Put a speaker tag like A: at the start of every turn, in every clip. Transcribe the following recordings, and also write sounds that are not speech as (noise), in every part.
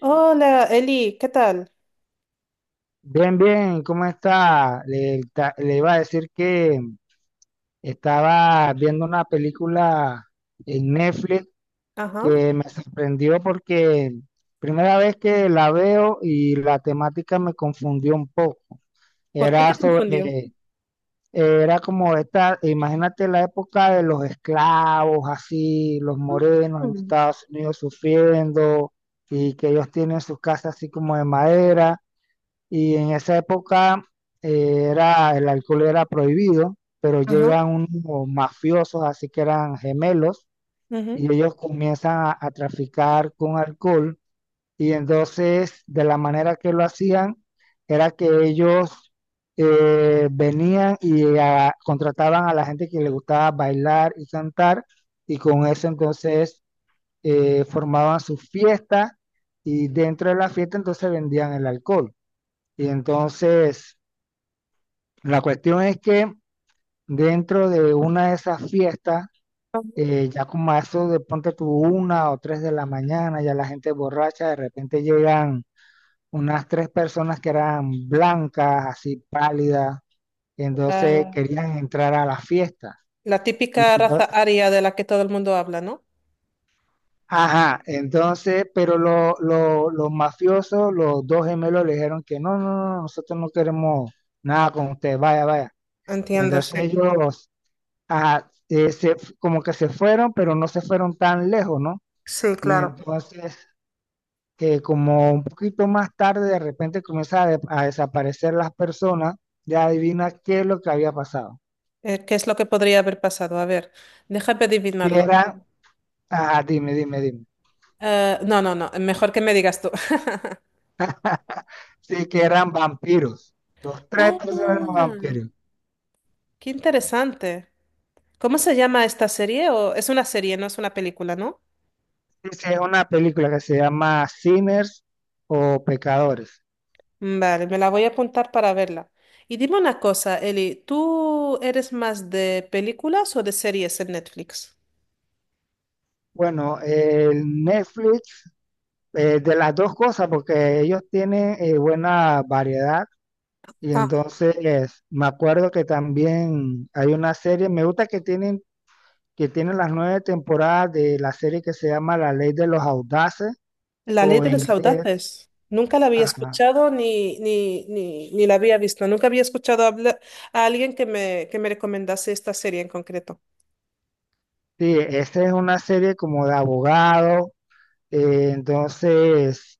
A: Hola, Eli, ¿qué tal?
B: Bien, bien, ¿cómo está? Le iba a decir que estaba viendo una película en Netflix
A: Ajá.
B: que me sorprendió porque primera vez que la veo y la temática me confundió un poco.
A: ¿Por qué
B: Era
A: te confundió?
B: sobre, era como esta, imagínate la época de los esclavos, así, los morenos en
A: Mm.
B: Estados Unidos sufriendo y que ellos tienen sus casas así como de madera. Y en esa época el alcohol era prohibido, pero
A: Ajá.
B: llegan unos mafiosos, así que eran gemelos,
A: Ujú.
B: y ellos comienzan a traficar con alcohol. Y entonces, de la manera que lo hacían, era que ellos venían y contrataban a la gente que le gustaba bailar y cantar, y con eso entonces formaban sus fiestas, y dentro de la fiesta entonces vendían el alcohol. Y entonces la cuestión es que dentro de una de esas fiestas,
A: Vamos.
B: ya como a eso de ponte tú una o tres de la mañana, ya la gente borracha, de repente llegan unas tres personas que eran blancas, así pálidas, y entonces querían entrar a la fiesta.
A: La
B: Y
A: típica raza
B: ento-
A: aria de la que todo el mundo habla, ¿no?
B: ajá, entonces, pero los mafiosos, los dos gemelos le dijeron que no, no, no, nosotros no queremos nada con usted, vaya, vaya. Y
A: Entiendo,
B: entonces
A: sí.
B: ellos, ajá, como que se fueron, pero no se fueron tan lejos, ¿no?
A: Sí,
B: Y
A: claro.
B: entonces, como un poquito más tarde, de repente comienza a desaparecer las personas, ya adivina qué es lo que había pasado.
A: ¿Qué es lo que podría haber pasado? A ver, déjame
B: Que
A: adivinarlo.
B: eran, ajá, dime, dime, dime.
A: No, no, no, mejor que me digas tú. (laughs)
B: Sí, que eran vampiros. Los
A: Ah,
B: tres personas eran vampiros.
A: qué interesante. ¿Cómo se llama esta serie? ¿O es una serie, no es una película, ¿no?
B: Sí, es una película que se llama Sinners o Pecadores.
A: Mm, vale, me la voy a apuntar para verla. Y dime una cosa, Eli, ¿tú eres más de películas o de series en Netflix?
B: Bueno, el Netflix, de las dos cosas, porque ellos tienen buena variedad. Y
A: Ah,
B: entonces me acuerdo que también hay una serie, me gusta que tienen las nueve temporadas de la serie que se llama La Ley de los Audaces,
A: La Ley
B: o
A: de
B: en
A: los
B: inglés,
A: Audaces. Nunca la había
B: ajá.
A: escuchado ni, ni, ni, ni la había visto. Nunca había escuchado a alguien que que me recomendase esta serie en concreto.
B: Sí, esta es una serie como de abogado. eh, entonces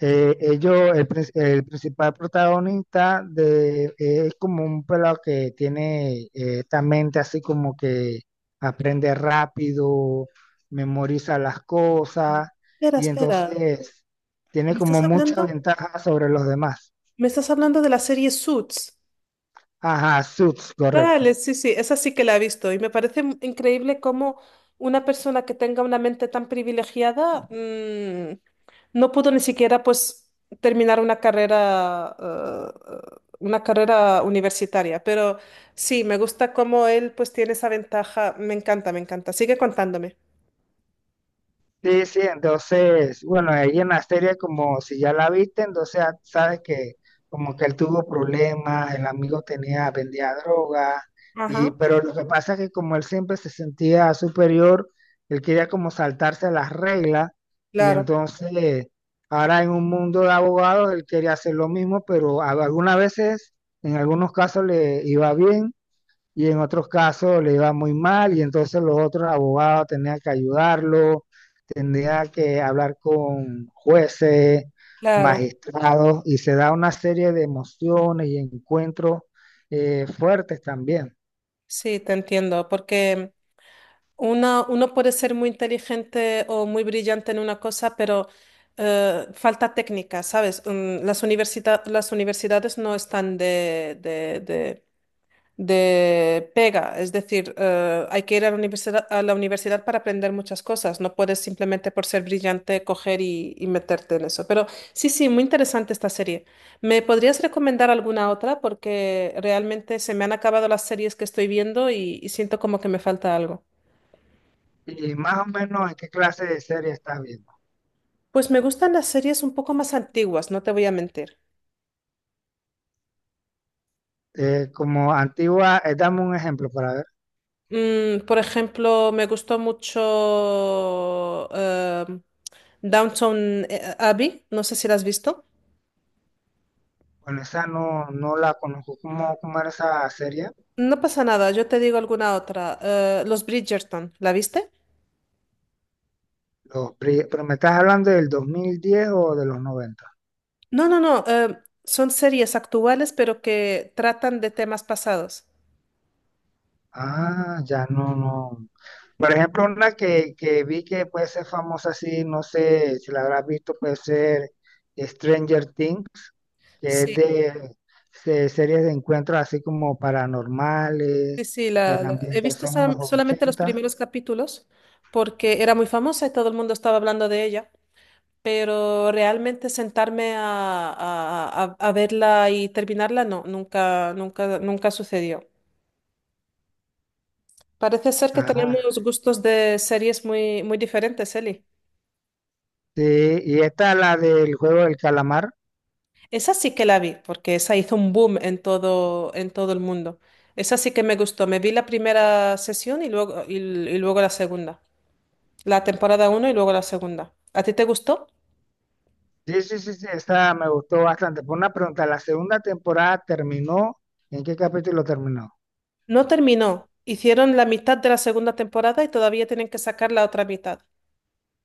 B: Eh, ellos, el, prin- el principal protagonista es como un pelado que tiene esta mente así como que aprende rápido, memoriza las cosas
A: Espera,
B: y
A: espera.
B: entonces tiene
A: ¿Me estás
B: como mucha
A: hablando?
B: ventaja sobre los demás.
A: ¿Me estás hablando de la serie Suits?
B: Ajá, Suits, correcto.
A: Vale, sí, sí, esa sí que la he visto y me parece increíble cómo una persona que tenga una mente tan privilegiada, mm, no pudo ni siquiera pues terminar una carrera, una carrera universitaria, pero sí, me gusta cómo él pues tiene esa ventaja, me encanta, me encanta. Sigue contándome.
B: Sí, sí, entonces, bueno, ahí en la serie como si ya la viste, entonces ya sabes que como que él tuvo problemas, el amigo tenía, vendía droga, y
A: Ajá.
B: pero lo que pasa es que como él siempre se sentía superior, él quería como saltarse las reglas, y
A: Claro,
B: entonces ahora en un mundo de abogados él quería hacer lo mismo, pero algunas veces, en algunos casos le iba bien y en otros casos le iba muy mal y entonces los otros abogados tenían que ayudarlo, tenían que hablar con jueces,
A: claro,
B: magistrados y se da una serie de emociones y encuentros fuertes también.
A: sí, te entiendo, porque uno puede ser muy inteligente o muy brillante en una cosa, pero falta técnica, ¿sabes? Mm, las universidades no están de pega, es decir, hay que ir a la universidad para aprender muchas cosas, no puedes simplemente por ser brillante coger y meterte en eso. Pero sí, sí, muy interesante esta serie. ¿Me podrías recomendar alguna otra? Porque realmente se me han acabado las series que estoy viendo y siento como que me falta algo.
B: Y más o menos en qué clase de serie estás viendo.
A: Pues me gustan las series un poco más antiguas, no te voy a mentir.
B: Como antigua, dame un ejemplo para ver.
A: Mm, por ejemplo, me gustó mucho Downton Abbey, no sé si la has visto.
B: Bueno, esa no, no la conozco. ¿Cómo era esa serie?
A: No pasa nada, yo te digo alguna otra. Los Bridgerton, ¿la viste?
B: Pero me estás hablando del 2010 o de los 90.
A: No, no, no, son series actuales pero que tratan de temas pasados.
B: Ah, ya no, no. Por ejemplo, una que vi que puede ser famosa así, no sé si la habrás visto, puede ser Stranger Things, que es
A: Sí,
B: series de encuentros así como paranormales,
A: sí, sí,
B: de la
A: he visto
B: ambientación en los
A: solamente los
B: 80.
A: primeros capítulos porque era muy famosa y todo el mundo estaba hablando de ella. Pero realmente sentarme a, a verla y terminarla, no, nunca, nunca, nunca sucedió. Parece ser que
B: Ajá.
A: tenemos gustos de series muy, muy diferentes, Eli.
B: Sí, y esta la del juego del calamar.
A: Esa sí que la vi, porque esa hizo un boom en todo el mundo. Esa sí que me gustó. Me vi la primera sesión y luego la segunda. La temporada uno y luego la segunda. ¿A ti te gustó?
B: Sí, sí, sí, sí, esta me gustó bastante. Por una pregunta, ¿la segunda temporada terminó? ¿En qué capítulo terminó?
A: No terminó. Hicieron la mitad de la segunda temporada y todavía tienen que sacar la otra mitad.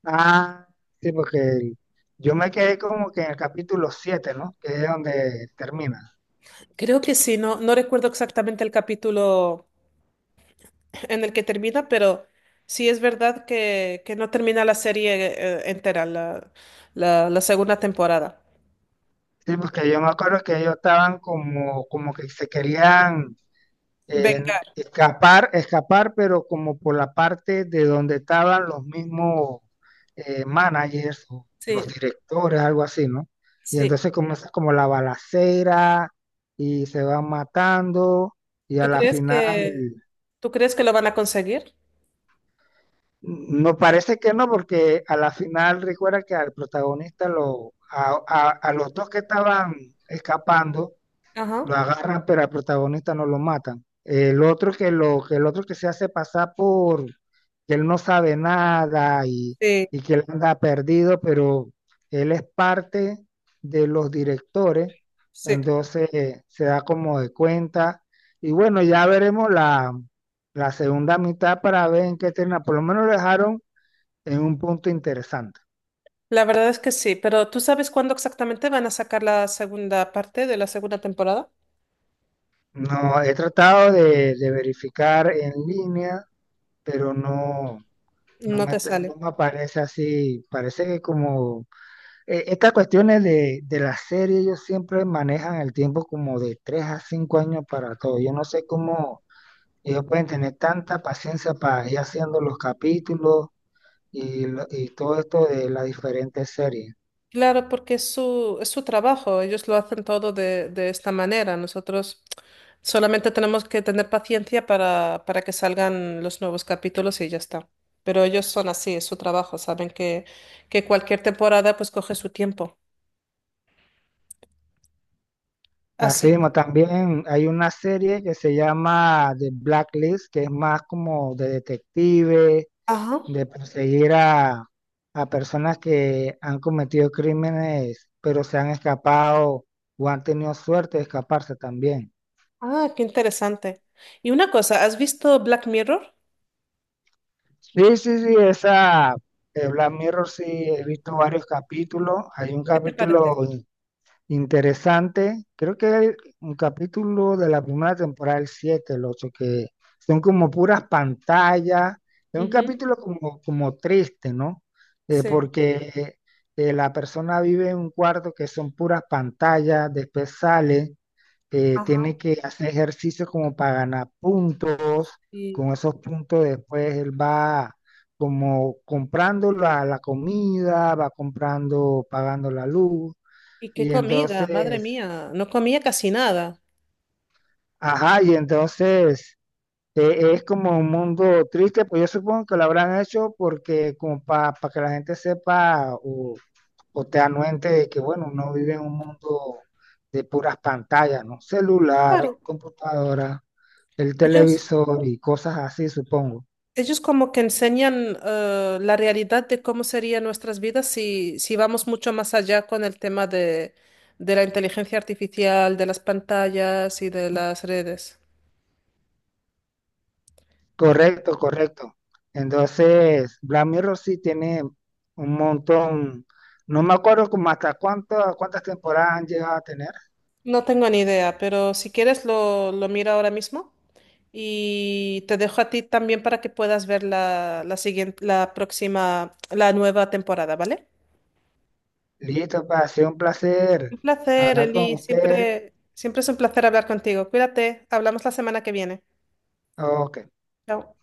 B: Ah, sí, porque yo me quedé como que en el capítulo 7, ¿no? Que es donde termina.
A: Creo que sí, no, no recuerdo exactamente el capítulo (laughs) en el que termina, pero sí es verdad que no termina la serie entera, la segunda temporada.
B: Sí, porque yo me acuerdo que ellos estaban como que se querían eh,
A: Vengar,
B: escapar, pero como por la parte de donde estaban los mismos managers, o los
A: sí,
B: directores, algo así, ¿no? Y
A: sí.
B: entonces comienza como la balacera y se van matando y a
A: ¿Tú
B: la
A: crees
B: final...
A: que, tú crees que lo van a conseguir?
B: Mm, no parece que no, porque a la final recuerda que al protagonista, a los dos que estaban escapando,
A: Ajá,
B: lo agarran, pero al protagonista no lo matan. El otro que el otro que se hace pasar por que él no sabe nada y,
A: sí,
B: y que él anda perdido, pero él es parte de los directores,
A: sí.
B: entonces se da como de cuenta. Y bueno, ya veremos la segunda mitad para ver en qué termina. Por lo menos lo dejaron en un punto interesante.
A: La verdad es que sí, pero ¿tú sabes cuándo exactamente van a sacar la segunda parte de la segunda temporada?
B: No, he tratado de verificar en línea, pero no. No
A: No
B: me,
A: te
B: te-
A: sale.
B: no me parece así, parece que como estas cuestiones de la serie, ellos siempre manejan el tiempo como de 3 a 5 años para todo. Yo no sé cómo ellos pueden tener tanta paciencia para ir haciendo los capítulos y todo esto de las diferentes series.
A: Claro, porque es su trabajo, ellos lo hacen todo de esta manera. Nosotros solamente tenemos que tener paciencia para que salgan los nuevos capítulos y ya está. Pero ellos son así, es su trabajo, saben que cualquier temporada pues coge su tiempo.
B: Así
A: Así.
B: mismo, también hay una serie que se llama The Blacklist, que es más como de detective
A: Ajá.
B: de perseguir a personas que han cometido crímenes, pero se han escapado o han tenido suerte de escaparse también.
A: Ah, qué interesante. Y una cosa, ¿has visto Black Mirror?
B: Sí, sí, sí, esa, Black Mirror sí he visto varios capítulos. Hay un
A: ¿Qué te
B: capítulo
A: parece?
B: interesante, creo que hay un capítulo de la primera temporada, el 7 el 8 que son como puras pantallas, es un
A: Ujú.
B: capítulo como triste, ¿no?
A: Sí.
B: Porque la persona vive en un cuarto que son puras pantallas, después sale,
A: Ajá.
B: tiene que hacer ejercicio como para ganar puntos,
A: Y,
B: con esos puntos después él va como comprando la comida, va comprando, pagando la luz
A: y qué
B: y
A: comida, madre
B: entonces,
A: mía, no comía casi nada.
B: ajá, y entonces es como un mundo triste, pues yo supongo que lo habrán hecho porque como para que la gente sepa o te anuente de que, bueno, uno vive en un mundo de puras pantallas, ¿no? Celular,
A: Claro,
B: computadora, el
A: ellos.
B: televisor y cosas así, supongo.
A: Ellos como que enseñan, la realidad de cómo serían nuestras vidas si, si vamos mucho más allá con el tema de la inteligencia artificial, de las pantallas y de las redes.
B: Correcto, correcto. Entonces, Black Mirror sí tiene un montón, no me acuerdo como hasta cuántas temporadas han llegado a tener.
A: No tengo ni idea, pero si quieres lo miro ahora mismo y te dejo a ti también para que puedas ver la, la siguiente, la próxima, la nueva temporada, ¿vale?
B: Listo, pa, ha sido un placer
A: Un placer,
B: hablar con
A: Eli.
B: usted.
A: Siempre, siempre es un placer hablar contigo. Cuídate. Hablamos la semana que viene.
B: Ok.
A: Chao.